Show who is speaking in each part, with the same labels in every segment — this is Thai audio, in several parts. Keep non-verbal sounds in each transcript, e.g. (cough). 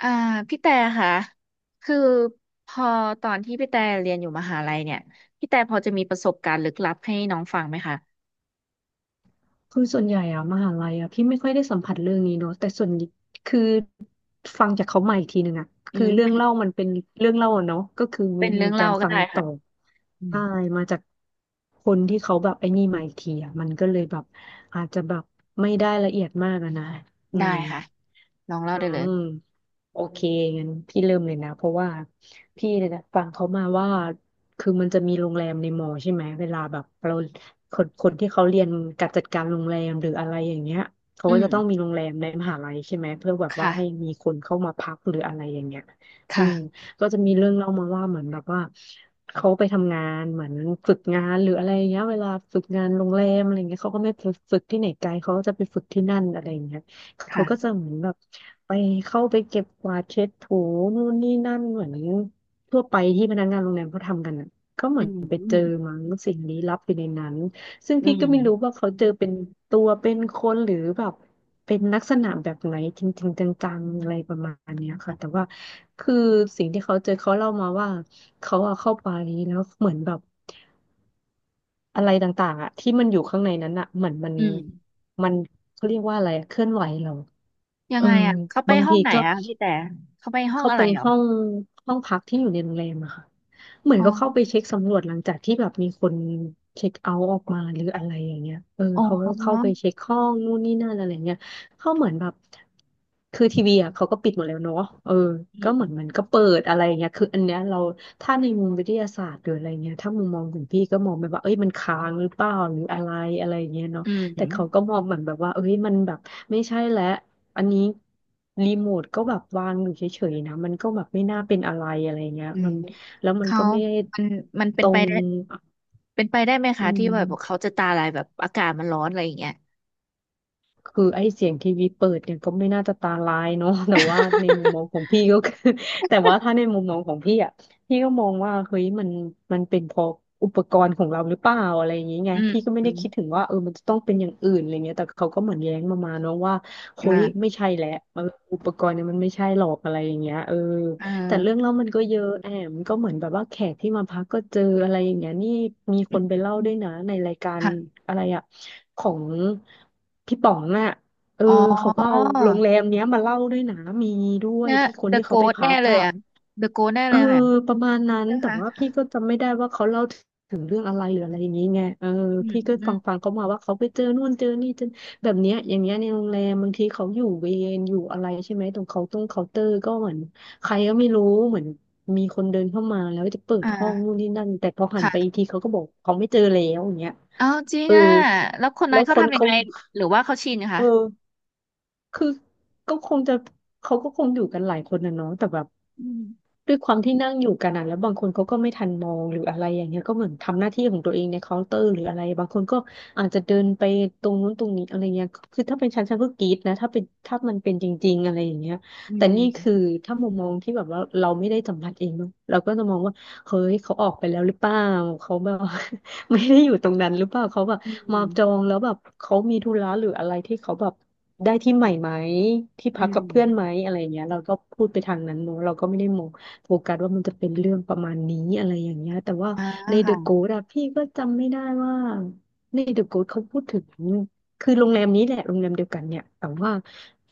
Speaker 1: อ่าพี่แต่ค่ะคือพอตอนที่พี่แต่เรียนอยู่มหาลัยเนี่ยพี่แต่พอจะมีประสบการณ์ลึกลับให้น้องฟังไหมคะ
Speaker 2: คือส่วนใหญ่อะมหาลัยอะพี่ไม่ค่อยได้สัมผัสเรื่องนี้เนอะแต่ส่วนคือฟังจากเขามาอีกทีหนึ่งอะ
Speaker 1: อื
Speaker 2: คือ
Speaker 1: ม
Speaker 2: เรื่อง
Speaker 1: เป็น
Speaker 2: เล่ามันเป็นเรื่องเล่าอะเนาะก็คือมี
Speaker 1: เรื่
Speaker 2: มี
Speaker 1: อง
Speaker 2: กา
Speaker 1: เล่า
Speaker 2: ร
Speaker 1: ก็
Speaker 2: ฟัง
Speaker 1: ได้
Speaker 2: ต่
Speaker 1: ค่ะ
Speaker 2: อ
Speaker 1: อืม
Speaker 2: ได้มาจากคนที่เขาแบบไอ้นี่มาอีกทีอะมันก็เลยแบบอาจจะแบบไม่ได้ละเอียดมากอะนะอื
Speaker 1: ได้
Speaker 2: ม
Speaker 1: ค่ะลองเล่า
Speaker 2: อื
Speaker 1: ได้เลย
Speaker 2: มโอเคงั้นพี่เริ่มเลยนะเพราะว่าพี่เนี่ยนะฟังเขามาว่าคือมันจะมีโรงแรมในมอใช่ไหมเวลาแบบเราคนคนที่เขาเรียนการจัดการโรงแรมหรืออะไรอย่างเงี้ยเขา
Speaker 1: อื
Speaker 2: ก็
Speaker 1: ม
Speaker 2: จะต้องมีโรงแรมในมหาลัยใช่ไหมเพื่อแบบว่าให้
Speaker 1: ค่ะ
Speaker 2: มีคนเข้ามาพักหรืออะไรอย่างเงี้ยอืม
Speaker 1: ค่ะ
Speaker 2: ก็จะมีเรื่องเล่ามาว่าเหมือนแบบว่าเขาไปทำงานเหมือนฝึกงานหรืออะไรอย่างเงี้ยเวลาฝึกงานโรงแรมอะไรเงี้ยเขาก็ไม่ไปฝึกที่ไหนไกลเขาก็จะไปฝึกที่นั่นอะไรอย่างเงี้ย เขาก็จะ
Speaker 1: ค่ะ
Speaker 2: เหมือนแบบไปเข้าไปเก็บกวาดเช็ดถูนู่นนี่นั่นเหมือนทั่วไปที่พนักงานโรงแรมเขาทำกันอ่ะก็เห
Speaker 1: อื
Speaker 2: มือนไปเจอ
Speaker 1: ม
Speaker 2: มั้งสิ่งลี้ลับอยู่ในนั้นซึ่ง
Speaker 1: อื
Speaker 2: พี่
Speaker 1: ม
Speaker 2: ก็ไม่รู้ว่าเขาเจอเป็นตัวเป็นคนหรือแบบเป็นลักษณะแบบไหนจริงๆจังๆอะไรประมาณเนี้ยค่ะแต่ว่าคือสิ่งที่เขาเจอเขาเล่ามาว่าเขาอะเข้าไปแล้วเหมือนแบบ อะไรต่างๆอ่ะที่มันอยู่ข้างในนั้นอ่ะเหมือนมัน
Speaker 1: อืม
Speaker 2: มันเขาเรียกว่าอะไรอะเคลื่อนไหวเรา
Speaker 1: ยั
Speaker 2: เอ
Speaker 1: ง
Speaker 2: อ
Speaker 1: ไงอ่ะเขาไป
Speaker 2: บาง
Speaker 1: ห้อ
Speaker 2: ที
Speaker 1: งไหน
Speaker 2: ก็
Speaker 1: อ่ะพี่แต่เขาไปห้อง
Speaker 2: เข้า
Speaker 1: อะ
Speaker 2: ไป
Speaker 1: ไรเหรอ
Speaker 2: ห้องพักที่อยู่ในโรงแรมอะค่ะเหมือน
Speaker 1: อ๋อ
Speaker 2: ก็เข้าไปเช็คสำรวจหลังจากที่แบบมีคนเช็คเอาท์ออกมาหรืออะไรอย่างเงี้ยเออ
Speaker 1: อ๋
Speaker 2: เขาก็เข้าไป
Speaker 1: อ
Speaker 2: เช็คห้องนู่นนี่นั่นอะไรเงี้ยเขาเหมือนแบบคือทีวีอะเขาก็ปิดหมดแล้วเนาะเออ
Speaker 1: อื
Speaker 2: ก็เหมือนมัน
Speaker 1: ม
Speaker 2: ก็เปิดอะไรอย่างเงี้ยคืออันเนี้ยเราถ้าในมุมวิทยาศาสตร์หรืออะไรเงี้ยถ้ามุมมองของพี่ก็มองไปว่าเอ้ยมันค้างหรือเปล่าหรืออะไรอะไรอย่างเงี้ยเนาะ
Speaker 1: อืม
Speaker 2: แต่เขาก็มองเหมือนแบบว่าเอ้ยมันแบบไม่ใช่แล้ว อันนี้รีโมทก็แบบวางอยู่เฉยๆนะมันก็แบบไม่น่าเป็นอะไรอะไรเงี้ย
Speaker 1: อืม
Speaker 2: มันแล้วมัน
Speaker 1: เขา
Speaker 2: ก็ไม่ได้
Speaker 1: มันมัน
Speaker 2: ต
Speaker 1: เป็น
Speaker 2: ร
Speaker 1: ไป
Speaker 2: ง
Speaker 1: ได้ เป็นไปได้ไหม
Speaker 2: อื
Speaker 1: คะที่แบบเขา
Speaker 2: ม
Speaker 1: จะตาลายแบบอากาศมันร้อนอะไรอย่างเงี้ย
Speaker 2: คือไอ้เสียงทีวีเปิดเนี่ยก็ไม่น่าจะตาลายเนาะ (laughs) แต่ว่าในมุมมองข
Speaker 1: (laughs)
Speaker 2: องพี่ก็คือ (laughs) แต่ว่าถ้าในมุมมองของพี่อ่ะพี่ก็มองว่าเฮ้ยมันเป็นเพราะอุปกรณ์ของเราหรือเปล่าอะไรอย่างเงี้ยไง
Speaker 1: อืม
Speaker 2: พี่ก็ไม่
Speaker 1: อื
Speaker 2: ได้
Speaker 1: ม
Speaker 2: คิดถึงว่าเออมันจะต้องเป็นอย่างอื่นอะไรเงี้ยแต่เขาก็เหมือนแย้งมาเนาะว่าเฮ้ยไม่
Speaker 1: อ่า
Speaker 2: ใช่แหละเอออุปกรณ์เนี่ยมันไม่ใช่หรอกอะไรอย่างเงี้ยเออ
Speaker 1: อ่
Speaker 2: แต่เรื่อง
Speaker 1: า
Speaker 2: เล่ามันก็เยอะแอมก็เหมือนแบบว่าแขกที่มาพักก็เจออะไรอย่างเงี้ยนี่มีคนไปเล่าด้วยนะในรายการ
Speaker 1: ค่ะ
Speaker 2: อะไรอะของพี่ป๋องน่ะเออ
Speaker 1: อ๋อ
Speaker 2: เขาก็เอาโรงแรมเนี้ยมาเล่าด้วยนะมีด้วย
Speaker 1: เนี่ย
Speaker 2: ที่คน
Speaker 1: เดอะ
Speaker 2: ที่
Speaker 1: โก
Speaker 2: เขาไป
Speaker 1: ส
Speaker 2: พั
Speaker 1: แน่
Speaker 2: ก
Speaker 1: เลย
Speaker 2: อะ
Speaker 1: อ่ะเดอะโกสแน่
Speaker 2: เอ
Speaker 1: เล
Speaker 2: อ
Speaker 1: ยค่ะ
Speaker 2: ประมาณนั้น
Speaker 1: ใช่ไหม
Speaker 2: แต่
Speaker 1: คะ
Speaker 2: ว่าพี่ก็จำไม่ได้ว่าเขาเล่าถึงเรื่องอะไรหรืออะไรอย่างนี้ไงเออ
Speaker 1: อืม
Speaker 2: พี่ก็
Speaker 1: อื
Speaker 2: ฟั
Speaker 1: ม
Speaker 2: งฟังเขามาว่าเขาไปเจอนู่นเจอนี่เจอแบบเนี้ยอย่างเงี้ยในโรงแรมบางทีเขาอยู่เวรอยู่อะไรใช่ไหมตรงเคาน์เตอร์ก็เหมือนใครก็ไม่รู้เหมือนมีคนเดินเข้ามาแล้วจะเปิด
Speaker 1: อ่า
Speaker 2: ห้องนู่นนี่นั่นแต่พอหันไปอีก
Speaker 1: ค่ะ
Speaker 2: ทีเขาก็บอกเขาไม่เจอแล้วอย่างเงี้ย
Speaker 1: เอาจริง
Speaker 2: เออ
Speaker 1: อ่ะแล้วคนนั้
Speaker 2: แล้
Speaker 1: น
Speaker 2: ว
Speaker 1: เขา
Speaker 2: คน
Speaker 1: ทำยัง
Speaker 2: เขา
Speaker 1: ไงหรือว่าเขาชิน
Speaker 2: เอ
Speaker 1: คะ
Speaker 2: อคือก็คงจะเขาก็คงอยู่กันหลายคนนะเนาะแต่แบบ
Speaker 1: อืม
Speaker 2: ด้วยความที่นั่งอยู่กันอ่ะแล้วบางคนเขาก็ไม่ทันมองหรืออะไรอย่างเงี้ยก็เหมือนทำหน้าที่ของตัวเองในเคาน์เตอร์หรืออะไรบางคนก็อาจจะเดินไปตรงนู้นตรงนี้อะไรเงี้ยคือถ้าเป็นฉันก็กรี๊ดนะถ้ามันเป็นจริงๆอะไรอย่างเงี้ย
Speaker 1: อื
Speaker 2: แต่นี่คือ
Speaker 1: ม
Speaker 2: ถ้ามุมมองที่แบบว่าเราไม่ได้สัมผัสเองเนอะเราก็จะมองว่าเฮ้ยเขาออกไปแล้วหรือเปล่าเขาแบบ (laughs) ไม่ได้อยู่ตรงนั้นหรือเปล่าเขาแบบ
Speaker 1: อื
Speaker 2: มา
Speaker 1: ม
Speaker 2: จองแล้วแบบเขามีธุระหรืออะไรที่เขาแบบได้ที่ใหม่ไหมที่
Speaker 1: อื
Speaker 2: พักกับ
Speaker 1: ม
Speaker 2: เพื่อนไหมอะไรอย่างเงี้ยเราก็พูดไปทางนั้นเนอะเราก็ไม่ได้มอง โฟกัสว่ามันจะเป็นเรื่องประมาณนี้อะไรอย่างเงี้ยแต่ว่า
Speaker 1: อ่า
Speaker 2: ใน The
Speaker 1: ค่ะ
Speaker 2: Ghost อะพี่ก็จำไม่ได้ว่าใน The Ghost เขาพูดถึงคือโรงแรมนี้แหละโรงแรมเดียวกันเนี่ยแต่ว่า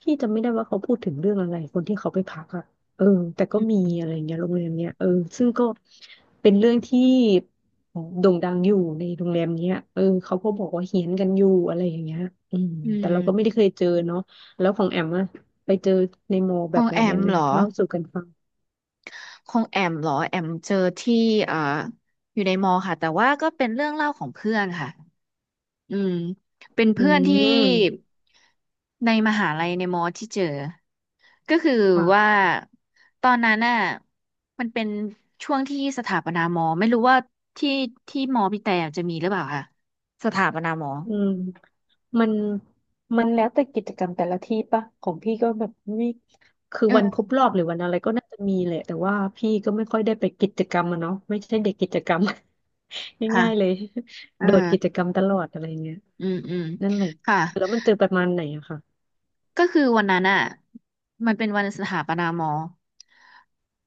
Speaker 2: พี่จำไม่ได้ว่าเขาพูดถึงเรื่องอะไรคนที่เขาไปพักอะเออแต่ก็
Speaker 1: อื
Speaker 2: มี
Speaker 1: ม
Speaker 2: อะไรเงี้ยโรงแรมเนี้ยเออซึ่งก็เป็นเรื่องที่โด่งดังอยู่ในโรงแรมเนี้ยเออเขาก็บอกว่าเฮี้ยนกันอยู่อะไรอย่างเงี้ยอืม
Speaker 1: อื
Speaker 2: แต่เราก็ไม่
Speaker 1: ม
Speaker 2: ได้เคยเจอเนาะแล้วของแอมอะไปเจอในมอลล์
Speaker 1: ข
Speaker 2: แบ
Speaker 1: อ
Speaker 2: บ
Speaker 1: ง
Speaker 2: ไหน
Speaker 1: แอ
Speaker 2: ยั
Speaker 1: ม
Speaker 2: งไง
Speaker 1: เหรอ
Speaker 2: เล่าสู่กันฟัง
Speaker 1: ของแอมเหรอแอมเจอที่เอ่ออยู่ในมอค่ะแต่ว่าก็เป็นเรื่องเล่าของเพื่อนค่ะอืมเป็น
Speaker 2: อื
Speaker 1: เพื่อนที่
Speaker 2: ม
Speaker 1: ในมหาลัยในมอที่เจอก็คือว่า
Speaker 2: ค่ะ
Speaker 1: ตอนนั้นน่ะมันเป็นช่วงที่สถาปนามอไม่รู้ว่าที่มอพี่แต่จะมีหรือเปล่าค่ะสถาปนามอ
Speaker 2: อืมมันมันแล้วแต่กิจกรรมแต่ละที่ปะของพี่ก็แบบไม่คือวันคร
Speaker 1: เออ
Speaker 2: บรอบหรือวันอะไรก็น่าจะมีแหละแต่ว่าพี่ก็ไม่ค่อยได้ไปกิจกรรมอะเนาะไม่ใช่เด็กกิจกรรม (laughs)
Speaker 1: ค่ะ
Speaker 2: ง่ายๆเลย
Speaker 1: เออ
Speaker 2: โดดกิจกรรมตลอดอะไรเงี้ย
Speaker 1: อืมอืม
Speaker 2: นั่นแหละ
Speaker 1: ค่ะ
Speaker 2: แล้วมันเจอประมาณไหนอะค่ะ
Speaker 1: ก็คือวันนั้นอ่ะมันเป็นวันสถาปนามอ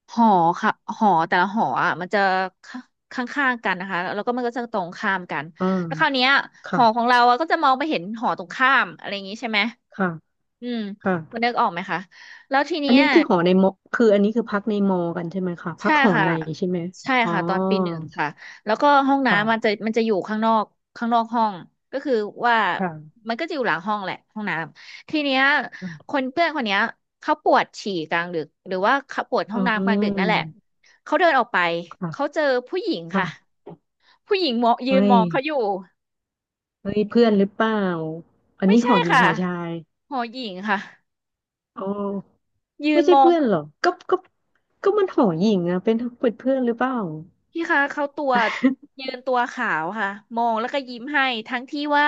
Speaker 1: หอค่ะหอแต่ละหออ่ะมันจะข้างข้างๆกันนะคะแล้วก็มันก็จะตรงข้ามกัน
Speaker 2: อ่
Speaker 1: แล้วคราวเนี้
Speaker 2: า
Speaker 1: ยหอของ
Speaker 2: ค่ะ
Speaker 1: เราอ่ะก็จะมองไปเห็นหอตรงข้ามอะไรอย่างงี้ใช่ไหม
Speaker 2: ค่ะ
Speaker 1: อืม
Speaker 2: ค่ะ
Speaker 1: คุณนึกออกไหมคะแล้วที
Speaker 2: อั
Speaker 1: เนี้
Speaker 2: น
Speaker 1: ย
Speaker 2: นี้คือหอในมอคืออันนี้คือพักในมอกันใช่ไหมคะพั
Speaker 1: ใช่
Speaker 2: กหอ
Speaker 1: ค่ะ
Speaker 2: ในใช่ไหม
Speaker 1: ใช่
Speaker 2: อ๋อ
Speaker 1: ค่ะตอนปีหนึ่งค่ะแล้วก็ห้อง
Speaker 2: ค่ะ
Speaker 1: น้ำมันจะอยู่ข้างนอกข้างนอกห้องก็คือว่า
Speaker 2: ค่ะ
Speaker 1: มันก็จะอยู่หลังห้องแหละห้องน้ำทีเนี้ยคนเพื่อนคนเนี้ยเขาปวดฉี่กลางดึกหรือว่าเขาปวดห้
Speaker 2: อื
Speaker 1: องน้ำกลางดึกนั่นแหละ
Speaker 2: ม
Speaker 1: เขาเดินออกไปเขา
Speaker 2: ค่ะ
Speaker 1: เจอผู้หญิงค่ะ
Speaker 2: ค่ะ
Speaker 1: ผู้หญิงมองยื
Speaker 2: เฮ้
Speaker 1: นม
Speaker 2: ย
Speaker 1: องเขาอยู่
Speaker 2: เฮ้ยเพื่อนหรือเปล่าอัน
Speaker 1: ไม่
Speaker 2: นี้ห
Speaker 1: ใช่
Speaker 2: อหญิง
Speaker 1: ค่ะ
Speaker 2: หอชาย
Speaker 1: หอหญิงค่ะ
Speaker 2: อ๋อ
Speaker 1: ยื
Speaker 2: ไม่
Speaker 1: น
Speaker 2: ใช่
Speaker 1: มอง
Speaker 2: เพื่อนหรอก็มันหอหญิงอะเป็นเป็นเพื่อนหรือเปล่า
Speaker 1: พี่คะเขาตัวยืนตัวขาวค่ะมองแล้วก็ยิ้มให้ทั้งที่ว่า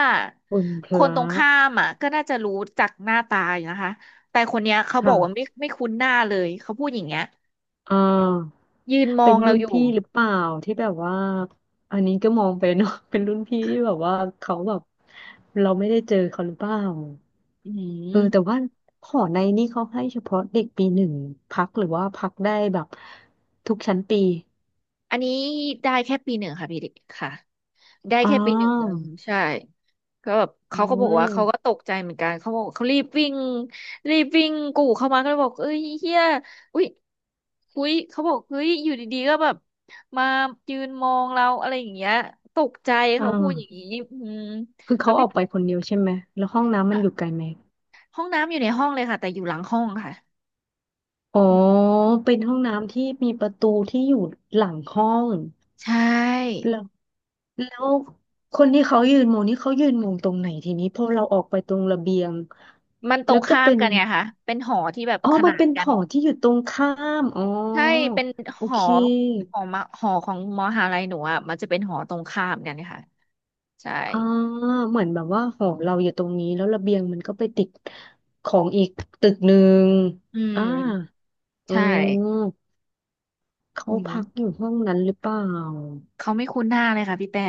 Speaker 2: คุณพ
Speaker 1: คนต
Speaker 2: ระ
Speaker 1: รงข้ามอ่ะก็น่าจะรู้จักหน้าตาอยู่นะคะแต่คนเนี้ยเขาบอกว่าไม่
Speaker 2: ค่ะ
Speaker 1: ไม่คุ้นหน้าเลยเขาพูดอย่างเงี้ย
Speaker 2: อ่า
Speaker 1: ยืนมอ
Speaker 2: เป็น
Speaker 1: งเรา
Speaker 2: รุ่น
Speaker 1: อยู่
Speaker 2: พี่หรือเปล่าที่แบบว่าอันนี้ก็มองไปเนาะ (laughs) เป็นรุ่นพี่ที่แบบว่าเขาแบบเราไม่ได้เจอเขาหรือเปล่า
Speaker 1: อื
Speaker 2: เออแต่ว่า
Speaker 1: ม
Speaker 2: หอในนี่เขาให้เฉพาะเด็กปีหนึ่งพักหรือว่าพักได้แบบทุกชั้นปี
Speaker 1: อันนี้ได้แค่ปีหนึ่งค่ะพี่เด็กค่ะ ได้
Speaker 2: อ๋อ
Speaker 1: แค่ปีหนึ่งเองใช่ก็แบบ
Speaker 2: อื
Speaker 1: เขาก็บอกว่าเขาก็
Speaker 2: ม
Speaker 1: ตกใจเหมือนกันเขาบอกเขารีบวิ่งรีบวิ่งกูเข้ามาก็เลยบอกเอ้ยเฮียอุ้ยอุ้ยเขาบอกเฮ้ยอยู่ดีๆก็แบบมายืนมองเราอะไรอย่างเงี้ยตกใจ
Speaker 2: อ่
Speaker 1: เขาพูดอย่าง
Speaker 2: า
Speaker 1: นี้อืม
Speaker 2: คือ
Speaker 1: แล้
Speaker 2: เขา
Speaker 1: ว
Speaker 2: อ
Speaker 1: ไม่
Speaker 2: อกไปคนเดียวใช่ไหมแล้วห้องน้ำมันอยู่ไกลไหม
Speaker 1: ห้องน้ำอยู่ในห้องเลยค่ะแต่อยู่หลังห้องค่ะ
Speaker 2: อ๋อเป็นห้องน้ำที่มีประตูที่อยู่หลังห้อง
Speaker 1: ใช่
Speaker 2: แล้วแล้วคนที่เขายืนมองนี่เขายืนมองตรงไหนทีนี้พอเราออกไปตรงระเบียง
Speaker 1: มันตร
Speaker 2: แล้ว
Speaker 1: ง
Speaker 2: ก็
Speaker 1: ข้าม
Speaker 2: เป็น
Speaker 1: กันไงคะเป็นหอที่แบบ
Speaker 2: อ๋อ
Speaker 1: ข
Speaker 2: มัน
Speaker 1: นาน
Speaker 2: เป็นห
Speaker 1: กัน
Speaker 2: อที่อยู่ตรงข้ามอ๋อ
Speaker 1: ใช่เป็น
Speaker 2: โอ
Speaker 1: หอ
Speaker 2: เค
Speaker 1: หอมาหอของมหาลัยหนูอ่ะมันจะเป็นหอตรงข้ามกันค่ะใช่
Speaker 2: อ่าเหมือนแบบว่าหอเราอยู่ตรงนี้แล้วระเบียงมันก็ไปติดของอีกตึกหนึ่ง
Speaker 1: อื
Speaker 2: อ่า
Speaker 1: ม
Speaker 2: อ๋อ
Speaker 1: ใช่
Speaker 2: เขา
Speaker 1: อื
Speaker 2: พั
Speaker 1: ม
Speaker 2: กอยู่ห้องนั้นหรือเปล่า
Speaker 1: เขาไม่คุ้นหน้าเลยค่ะพี่แต่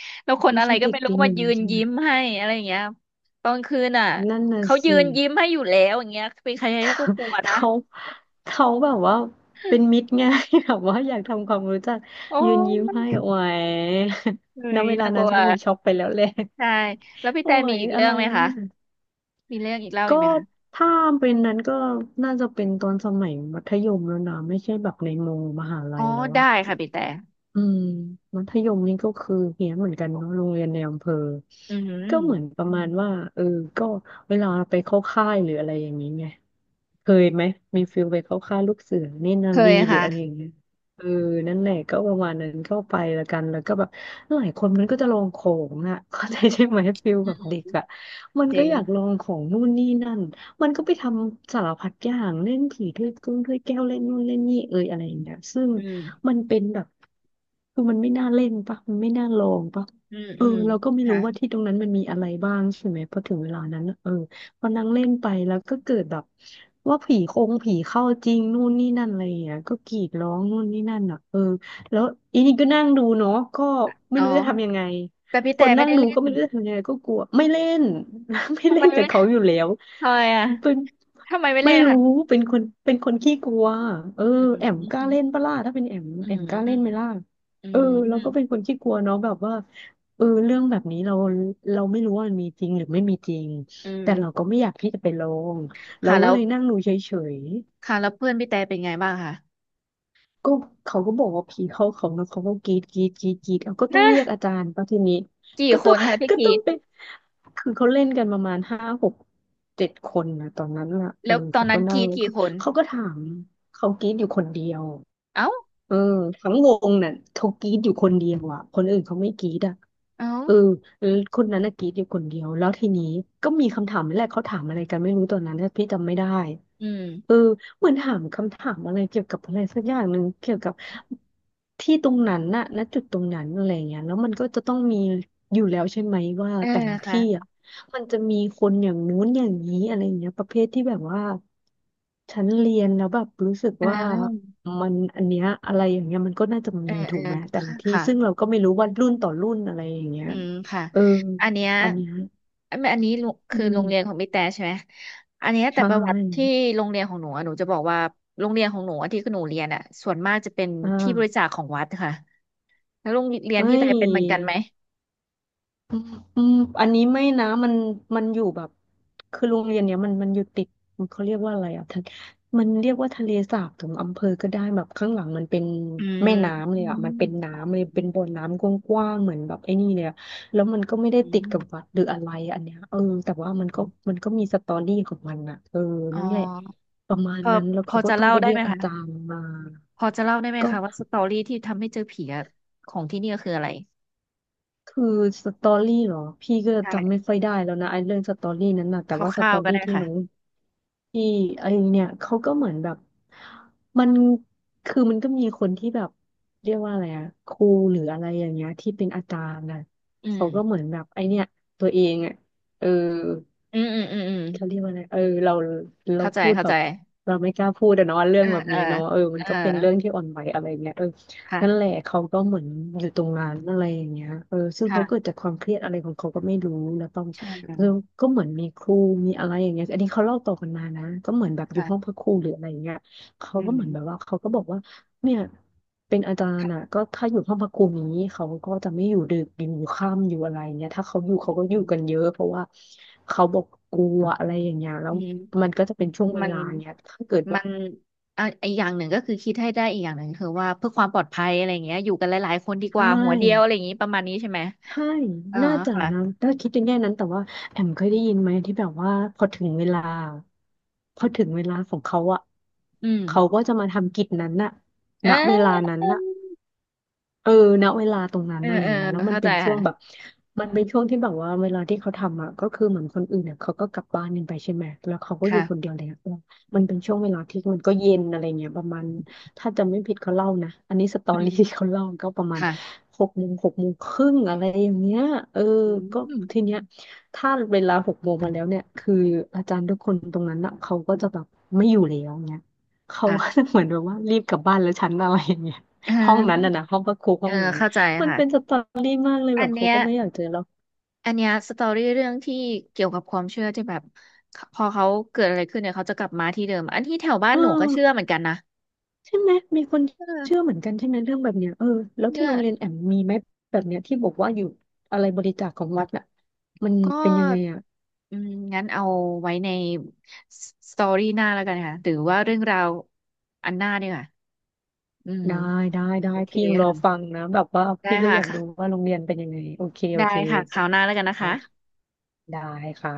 Speaker 1: (laughs) แล้วคน
Speaker 2: ไม่
Speaker 1: อะไร
Speaker 2: ใช่
Speaker 1: ก็
Speaker 2: เด็ก
Speaker 1: ไม่รู้
Speaker 2: ปีห
Speaker 1: มา
Speaker 2: นึ่ง
Speaker 1: ยืน
Speaker 2: ใช่ไหม
Speaker 1: ยิ้มให้อะไรอย่างเงี้ยตอนคืนอ่ะ
Speaker 2: นั่นน่ะ
Speaker 1: เขายื
Speaker 2: สิ
Speaker 1: นยิ้มให้อยู่แล้วอย่างเงี้ยเป็นใครๆก็กลัวนะ
Speaker 2: เขาเขาแบบว่าเป็นมิตรไง (laughs) แบบว่าอยากทำความรู้จัก
Speaker 1: โอ
Speaker 2: ยืนยิ้ม
Speaker 1: ้
Speaker 2: ให้โอ้ย
Speaker 1: เฮ้
Speaker 2: (laughs) ณ
Speaker 1: ย
Speaker 2: เวลา
Speaker 1: น่าก
Speaker 2: นั้
Speaker 1: ลั
Speaker 2: น
Speaker 1: ว
Speaker 2: ฉันคงช็อกไปแล้วแหละ
Speaker 1: ใช่แล้ว
Speaker 2: (laughs)
Speaker 1: พี่
Speaker 2: โอ้
Speaker 1: แต่มี
Speaker 2: ย
Speaker 1: อีก
Speaker 2: อะ
Speaker 1: เรื่อ
Speaker 2: ไร
Speaker 1: งไหม
Speaker 2: วะ
Speaker 1: คะ
Speaker 2: เนี่ย
Speaker 1: มีเรื่องอีกเล่า
Speaker 2: ก็
Speaker 1: อีกไหมคะ
Speaker 2: ถ้าเป็นนั้นก็น่าจะเป็นตอนสมัยมัธยมแล้วนะไม่ใช่แบบในโมมหา
Speaker 1: อ๋
Speaker 2: ลั
Speaker 1: อ
Speaker 2: ยแล้ว
Speaker 1: ได้
Speaker 2: อะ
Speaker 1: ค่ะพี่แต่
Speaker 2: อืมมัธยมนี่ก็คือเหี้ยนเหมือนกันเนาะโรงเรียนในอำเภอ
Speaker 1: อื
Speaker 2: ก็เหมือน
Speaker 1: ม
Speaker 2: ประมาณว่าเออก็เวลาไปเข้าค่ายหรืออะไรอย่างนี้ไง เคยไหมมีฟิลไปเข้าค่ายลูกเสือเนตรนา
Speaker 1: เค
Speaker 2: รี
Speaker 1: ย
Speaker 2: หรืออะไรอย่า
Speaker 1: ค่ะ
Speaker 2: งเงี้ยเออนั่นแหละก็ประมาณนั้นเข้าไปและกันแล้วก็แบบหลายคนมันก็จะลองของอ่ะ (laughs) เข้าใจใช่ไหมฟิลแบบเด็กอ่ะมัน
Speaker 1: จ
Speaker 2: ก็
Speaker 1: ริง
Speaker 2: อยากลองของนู่นนี่นั่นมันก็ไปทำสารพัดอย่างเล่นผีถ้วยกึ้งถ้วยแก้วเล่นนู่นเล่นนี่เอยอะไรอย่างเงี้ยซึ่ง
Speaker 1: อืม
Speaker 2: มันเป็นแบบคือมันไม่น่าเล่นปะมันไม่น่าลองปะ
Speaker 1: อืม
Speaker 2: เอ
Speaker 1: อื
Speaker 2: อ
Speaker 1: ม
Speaker 2: เราก็ไม่
Speaker 1: ค่ะ
Speaker 2: รู้ว่าที่ตรงนั้นมันมีอะไรบ้างใช่ไหมพอถึงเวลานั้นน่ะเออ พอนั่งเล่นไปแล้วก็เกิดแบบว่าผีคงผีเข้าจริงนู่นนี่นั่นอะไรอย่างเงี้ยก็กรีดร้องนู่นนี่นั่นอ่ะเออแล้วอีนี่ก็นั่งดูเนาะก็ไม่
Speaker 1: อ๋อ
Speaker 2: รู้จะทำยังไง
Speaker 1: แต่พี่
Speaker 2: ค
Speaker 1: แต่
Speaker 2: น
Speaker 1: ไม่
Speaker 2: นั่ง
Speaker 1: ได้
Speaker 2: ดู
Speaker 1: เล่
Speaker 2: ก็
Speaker 1: น
Speaker 2: ไม่รู้จะทำยังไงก็กลัวไม่เล่น (laughs) ไม่
Speaker 1: ทำ
Speaker 2: เล่
Speaker 1: ไม
Speaker 2: นกั
Speaker 1: ไม่
Speaker 2: บเขาอยู่แล้ว
Speaker 1: ทำไมอ่ะ
Speaker 2: เป็น
Speaker 1: ทำไมไม่เล่
Speaker 2: ไม่
Speaker 1: น
Speaker 2: รู้
Speaker 1: ค่ะ
Speaker 2: เป็นคนเป็นคนขี้กลัวเออ
Speaker 1: อืม
Speaker 2: แอมกล้า
Speaker 1: อืม
Speaker 2: เล่นปะล่ะถ้าเป็นแอม
Speaker 1: อื
Speaker 2: แอมกล้าเล่นไหม
Speaker 1: ม
Speaker 2: ล่ะ
Speaker 1: อื
Speaker 2: เออเราก็เป็น
Speaker 1: ม
Speaker 2: คนขี้กลัวเนาะแบบว่าเออเรื่องแบบนี้เราไม่รู้ว่ามันมีจริงหรือไม่มีจริง
Speaker 1: อืม
Speaker 2: แต่เราก็ไม่อยากที่จะไปลองเรา
Speaker 1: ค่ะ
Speaker 2: ก็
Speaker 1: แล้ว
Speaker 2: เลยนั่งดูเฉย
Speaker 1: ค่ะแล้วเพื่อนพี่แต่เป็นไงบ้างคะ
Speaker 2: ก็เขาก็บอกว่าผีเข้าเขานะเขาก็กรีดเอาก็ต้อง
Speaker 1: นะ
Speaker 2: เรียกอาจารย์ป่ะทีนี้
Speaker 1: กี่
Speaker 2: ก็
Speaker 1: ค
Speaker 2: ต้อง
Speaker 1: นคะ
Speaker 2: (laughs)
Speaker 1: พี่
Speaker 2: ก็
Speaker 1: กรี
Speaker 2: ต้อง
Speaker 1: ด
Speaker 2: เป็นคือเขาเล่นกันประมาณ5-6-7 คนนะตอนนั้นล่ะเอ
Speaker 1: แล้
Speaker 2: อ
Speaker 1: วตอน
Speaker 2: เขา
Speaker 1: นั้
Speaker 2: ก็
Speaker 1: นก
Speaker 2: นั่
Speaker 1: รี
Speaker 2: ง
Speaker 1: ด
Speaker 2: แล้ว
Speaker 1: กี่
Speaker 2: ก็
Speaker 1: คน
Speaker 2: เขาก็ถามเขากรีดอยู่คนเดียว
Speaker 1: เอ้า
Speaker 2: เออทั้งวงน่ะเขากรีดอยู่คนเดียวอ่ะคนอื่นเขาไม่กรีดอ่ะ
Speaker 1: เอ้า
Speaker 2: เออแล้วคนนั้นน่ะกรีดอยู่คนเดียวแล้วทีนี้ก็มีคำถามนี่แหละเขาถามอะไรกันไม่รู้ตอนนั้นนะพี่จำไม่ได้
Speaker 1: อืม
Speaker 2: เออเหมือนถามคำถามอะไรเกี่ยวกับอะไรสักอย่างหนึ่งเกี่ยวกับที่ตรงนั้นน่ะณจุดตรงนั้นอะไรเงี้ยแล้วมันก็จะต้องมีอยู่แล้วใช่ไหมว่า
Speaker 1: เออ
Speaker 2: แต่ละ
Speaker 1: ค่ะ
Speaker 2: ที่อ่ะมันจะมีคนอย่างนู้นอย่างนี้อะไรเงี้ยประเภทที่แบบว่าฉันเรียนแล้วแบบรู้สึก
Speaker 1: เ
Speaker 2: ว่า
Speaker 1: ออ
Speaker 2: มันอันเนี้ยอะไรอย่างเงี้ยมันก็น่าจะ
Speaker 1: เอ
Speaker 2: มี
Speaker 1: อเอ
Speaker 2: ถู
Speaker 1: อ
Speaker 2: กไหมแต่ละ
Speaker 1: ค่ะ
Speaker 2: ที่
Speaker 1: ค่ะ
Speaker 2: ซึ่งเราก็ไม่รู้ว่ารุ่นต่อรุ่นอะไรอย่างเงี้ย
Speaker 1: อืมค่ะ
Speaker 2: เออ
Speaker 1: อันเนี้ย
Speaker 2: อันเนี้ย
Speaker 1: อันนี้ลุ
Speaker 2: อื
Speaker 1: คือโร
Speaker 2: ม
Speaker 1: งเรียนของพี่แต่ใช่ไหม อันเนี้ย
Speaker 2: ใช
Speaker 1: แต่ประวัติที่
Speaker 2: ่
Speaker 1: โรงเรียนของหนูอะหนูจะบอกว่าโรงเรียนของหนูอะที่หนูเรียนอ่ะส่วนมากจะเป็น
Speaker 2: อ่
Speaker 1: ที่บริจา
Speaker 2: า
Speaker 1: คของวัดค่ะแล้วโรงเรียน
Speaker 2: เอ้
Speaker 1: พี่แต่
Speaker 2: ย
Speaker 1: เป็นเหมือนกันไหม
Speaker 2: อืมอืมอันนี้ไม่นะมันอยู่แบบคือโรงเรียนเนี้ยมันอยู่ติดเขาเรียกว่าอะไรอ่ะทานมันเรียกว่าทะเลสาบถึงอำเภอก็ได้แบบข้างหลังมันเป็น
Speaker 1: อืม
Speaker 2: แม่น้ำ
Speaker 1: อื
Speaker 2: เลยอ่ะ
Speaker 1: ม
Speaker 2: มันเป็น
Speaker 1: อ๋อ
Speaker 2: น้ำเลยเป็นบ่อน้ำกว้างๆเหมือนแบบไอ้นี่เลยอะแล้วมันก็ไม่ได้
Speaker 1: อื
Speaker 2: ติดกับวั
Speaker 1: ม
Speaker 2: ดหรืออะไรอันเนี้ยเออแต่ว่ามัน
Speaker 1: อ
Speaker 2: ก็
Speaker 1: ม
Speaker 2: มันก็มีสตอรี่ของมันอ่ะเออ
Speaker 1: อ๋อ
Speaker 2: นั่นแหละประมาณ
Speaker 1: พอ
Speaker 2: นั้นแล้ว
Speaker 1: พอ
Speaker 2: เขาก็
Speaker 1: จะ
Speaker 2: ต้อง
Speaker 1: เล่า
Speaker 2: ไป
Speaker 1: ได้
Speaker 2: เรีย
Speaker 1: ไหม
Speaker 2: กอา
Speaker 1: คะ
Speaker 2: จารย์มา
Speaker 1: พอจะเล่าได้ไหม
Speaker 2: ก็
Speaker 1: คะว่าสตอรี่ที่ทำให้เจอผีอะของที่นี่ก็คืออะไร
Speaker 2: คือสตอรี่เหรอพี่ก็จำไม่
Speaker 1: ใช่
Speaker 2: ค่อยได้แล้วนะไอ้เรื่องสตอ
Speaker 1: อืม
Speaker 2: รี่นั้นนะ
Speaker 1: ค
Speaker 2: แต่ว่าส
Speaker 1: ร่า
Speaker 2: ต
Speaker 1: ว
Speaker 2: อ
Speaker 1: ๆก็
Speaker 2: รี่
Speaker 1: ได้
Speaker 2: ที่น้อง
Speaker 1: ค่ะ
Speaker 2: ที่ไอ้เนี่ยเขาก็เหมือนแบบมันคือมันก็มีคนที่แบบเรียกว่าอะไรอะครูหรืออะไรอย่างเงี้ยที่เป็นอาจารย์นะ
Speaker 1: อืม
Speaker 2: เขาก็เหมือนแบบไอ้เนี่ยตัวเองอะเออ
Speaker 1: อืมอืมอืมอืม
Speaker 2: เขาเรียกว่าอะไรเออ เรา
Speaker 1: เข้าใจ
Speaker 2: พูด
Speaker 1: เข้า
Speaker 2: แบ
Speaker 1: ใจ
Speaker 2: บ เราไม่กล้าพูดอะเนาะเรื่อ
Speaker 1: เอ
Speaker 2: ง
Speaker 1: อ
Speaker 2: แบบ
Speaker 1: เออ
Speaker 2: นี้เนาะเออ
Speaker 1: เอ
Speaker 2: มัน
Speaker 1: อ
Speaker 2: ก็เป็นเรื่องที่อ่อนไหวอะไรเงี้ยเออนั่นแหละ
Speaker 1: ค่ะ
Speaker 2: เขาก็เหมือนอยู่ตรงนั้นอะไรอย่างเงี้ยเออซึ่งเขาเกิด
Speaker 1: ค่ะ
Speaker 2: จากความเครียดอะไรของเขาก็ไม่รู้แล้วต้อง
Speaker 1: เชิญเล
Speaker 2: เออ
Speaker 1: ย
Speaker 2: ก็เหมือนมีครูมีอะไรอย่างเงี้ยอันนี้เขาเล่าต่อกันมานะก็เหมือนแบบอยู่ห้องพ
Speaker 1: ค่ะ
Speaker 2: ระครูหรืออะไรอย่างเงี้ยเขา
Speaker 1: อื
Speaker 2: ก็
Speaker 1: ม
Speaker 2: เหมือนแบบว่าเขาก็บอกว่า เนี่ยเป็นอาจารย์อ่ะ
Speaker 1: ค่ะ
Speaker 2: ก็ถ้าอยู่ห้องพักครูอย่างนี้เขาก็จะไม่อยู่ดึกอยู่ค่ำอยู่อะไรเนี่ยถ้าเขาอยู่เขาก็
Speaker 1: อื
Speaker 2: อยู่
Speaker 1: ม
Speaker 2: กันเยอะเพราะว่าเขาบอกกลัวอะไรอย่างเงี้ยแล้
Speaker 1: อื
Speaker 2: วมั
Speaker 1: ม
Speaker 2: นก็จะเป็นช่วงเว
Speaker 1: มัน
Speaker 2: ลาเนี้ยถ้าเกิด
Speaker 1: มั
Speaker 2: ว่า
Speaker 1: นอ่ะอีกอย่างหนึ่งก็คือคิดให้ได้อีกอย่างหนึ่งคือว่าเพื่อความปลอดภัยอะไรอย่างเงี้ยอยู่กันหลายๆคนดี
Speaker 2: ใช
Speaker 1: กว่าหัวเดียวอะไร
Speaker 2: ่
Speaker 1: อย่างงี้ประมาณนี้ใช่ไหม
Speaker 2: ใช่
Speaker 1: เออ
Speaker 2: น่าจะ
Speaker 1: ค่ะ
Speaker 2: นะถ้าคิดในแง่นั้นแต่ว่าแอมเคยได้ยินไหมที่แบบว่าพอถึงเวลาพอถึงเวลาของเขาอ่ะ
Speaker 1: อืม
Speaker 2: เขาก็จะมาทำกิจนั้นน่ะ
Speaker 1: เอ
Speaker 2: ณเวลา
Speaker 1: อ
Speaker 2: นั้นน่ะ เออณเวลาตรงนั้น
Speaker 1: เออ
Speaker 2: อะไร
Speaker 1: เออ
Speaker 2: เงี้ยแล้วมัน
Speaker 1: เข้าใจ
Speaker 2: เป็นช่วงแบบ
Speaker 1: ค่ะ
Speaker 2: มันเป็นช่วงที่แบบว่าเวลาที่เขาทำอ่ะก็คือเหมือนคนอื่นเนี่ยเขาก็กลับบ้านกันไปใช่ไหมแล้วเขาก็อยู่
Speaker 1: ค่ะ
Speaker 2: คนเดียวเลยอะเออมั
Speaker 1: อื
Speaker 2: นเป็น
Speaker 1: ม
Speaker 2: ช่วงเวลาที่มันก็เย็นอะไรเงี้ยประมาณถ้าจำไม่ผิดเขาเล่านะอันนี้สตอ
Speaker 1: อื
Speaker 2: รี่
Speaker 1: ม
Speaker 2: ที่เขาเล่าก็ประมาณ
Speaker 1: ค่ะ
Speaker 2: หกโมงหกโมงครึ่งอะไรอย่างเงี้ยเออ
Speaker 1: อื
Speaker 2: ก็
Speaker 1: ม
Speaker 2: ทีเนี้ยถ้าเวลาหกโมงมาแล้วเนี่ยคืออาจารย์ทุกคนตรงนั้นอ่ะเขาก็จะแบบไม่อยู่แล้วเงี้ยเขาก็จะ
Speaker 1: ค่ะ
Speaker 2: เหมือนแบบว่ารีบกลับบ้านแล้วฉันอะไรอย่างเงี้ย
Speaker 1: อ่
Speaker 2: ห้องนั้น
Speaker 1: า
Speaker 2: น่ะนะห้องพระครู
Speaker 1: เอ
Speaker 2: ห้อ
Speaker 1: อ
Speaker 2: งนั้น
Speaker 1: เข้าใจ
Speaker 2: มัน
Speaker 1: ค่ะ
Speaker 2: เป็นสตอรี่มากเลยแบ
Speaker 1: อัน
Speaker 2: บเขา
Speaker 1: เนี้ย
Speaker 2: ก็ไม่อยากเจอเรา
Speaker 1: อันเนี้ยสตอรี่เรื่องที่เกี่ยวกับความเชื่อที่แบบพอเขาเกิดอะไรขึ้นเนี่ยเขาจะกลับมาที่เดิมอันที่แถวบ้าน
Speaker 2: เอ
Speaker 1: หนูก็เชื่อเห
Speaker 2: อ
Speaker 1: มือนกันนะ
Speaker 2: ใช่ไหมมีคน
Speaker 1: เออ
Speaker 2: เชื่อเหมือนกันใช่ไหมเรื่องแบบเนี้ยเออแล้ว
Speaker 1: เนี่
Speaker 2: ที่
Speaker 1: ย
Speaker 2: โรงเรียนแอมมีไหมแบบเนี้ยที่บอกว่าอยู่อะไรบริจาคของวัดน่ะมัน
Speaker 1: ก็
Speaker 2: เป็นยังไงอ่ะ
Speaker 1: อืมงั้นเอาไว้ในสตอรี่หน้าแล้วกันค่ะหรือว่าเรื่องราวอันหน้าดีกว่าอืม
Speaker 2: ได้ได้ได้
Speaker 1: โอเค
Speaker 2: พี่ยังรอฟั
Speaker 1: ค่ะ
Speaker 2: งนะแบบว่า
Speaker 1: ได้
Speaker 2: พี่ก็
Speaker 1: ค่ะ
Speaker 2: อยาก
Speaker 1: ค่ะ
Speaker 2: รู้ว่าโรงเรียนเป็นยังไงโอเคโอ
Speaker 1: ได้
Speaker 2: เค
Speaker 1: ค่ะคราวหน้าแล้วกันนะ
Speaker 2: ได้
Speaker 1: คะ
Speaker 2: ค่ะได้ค่ะ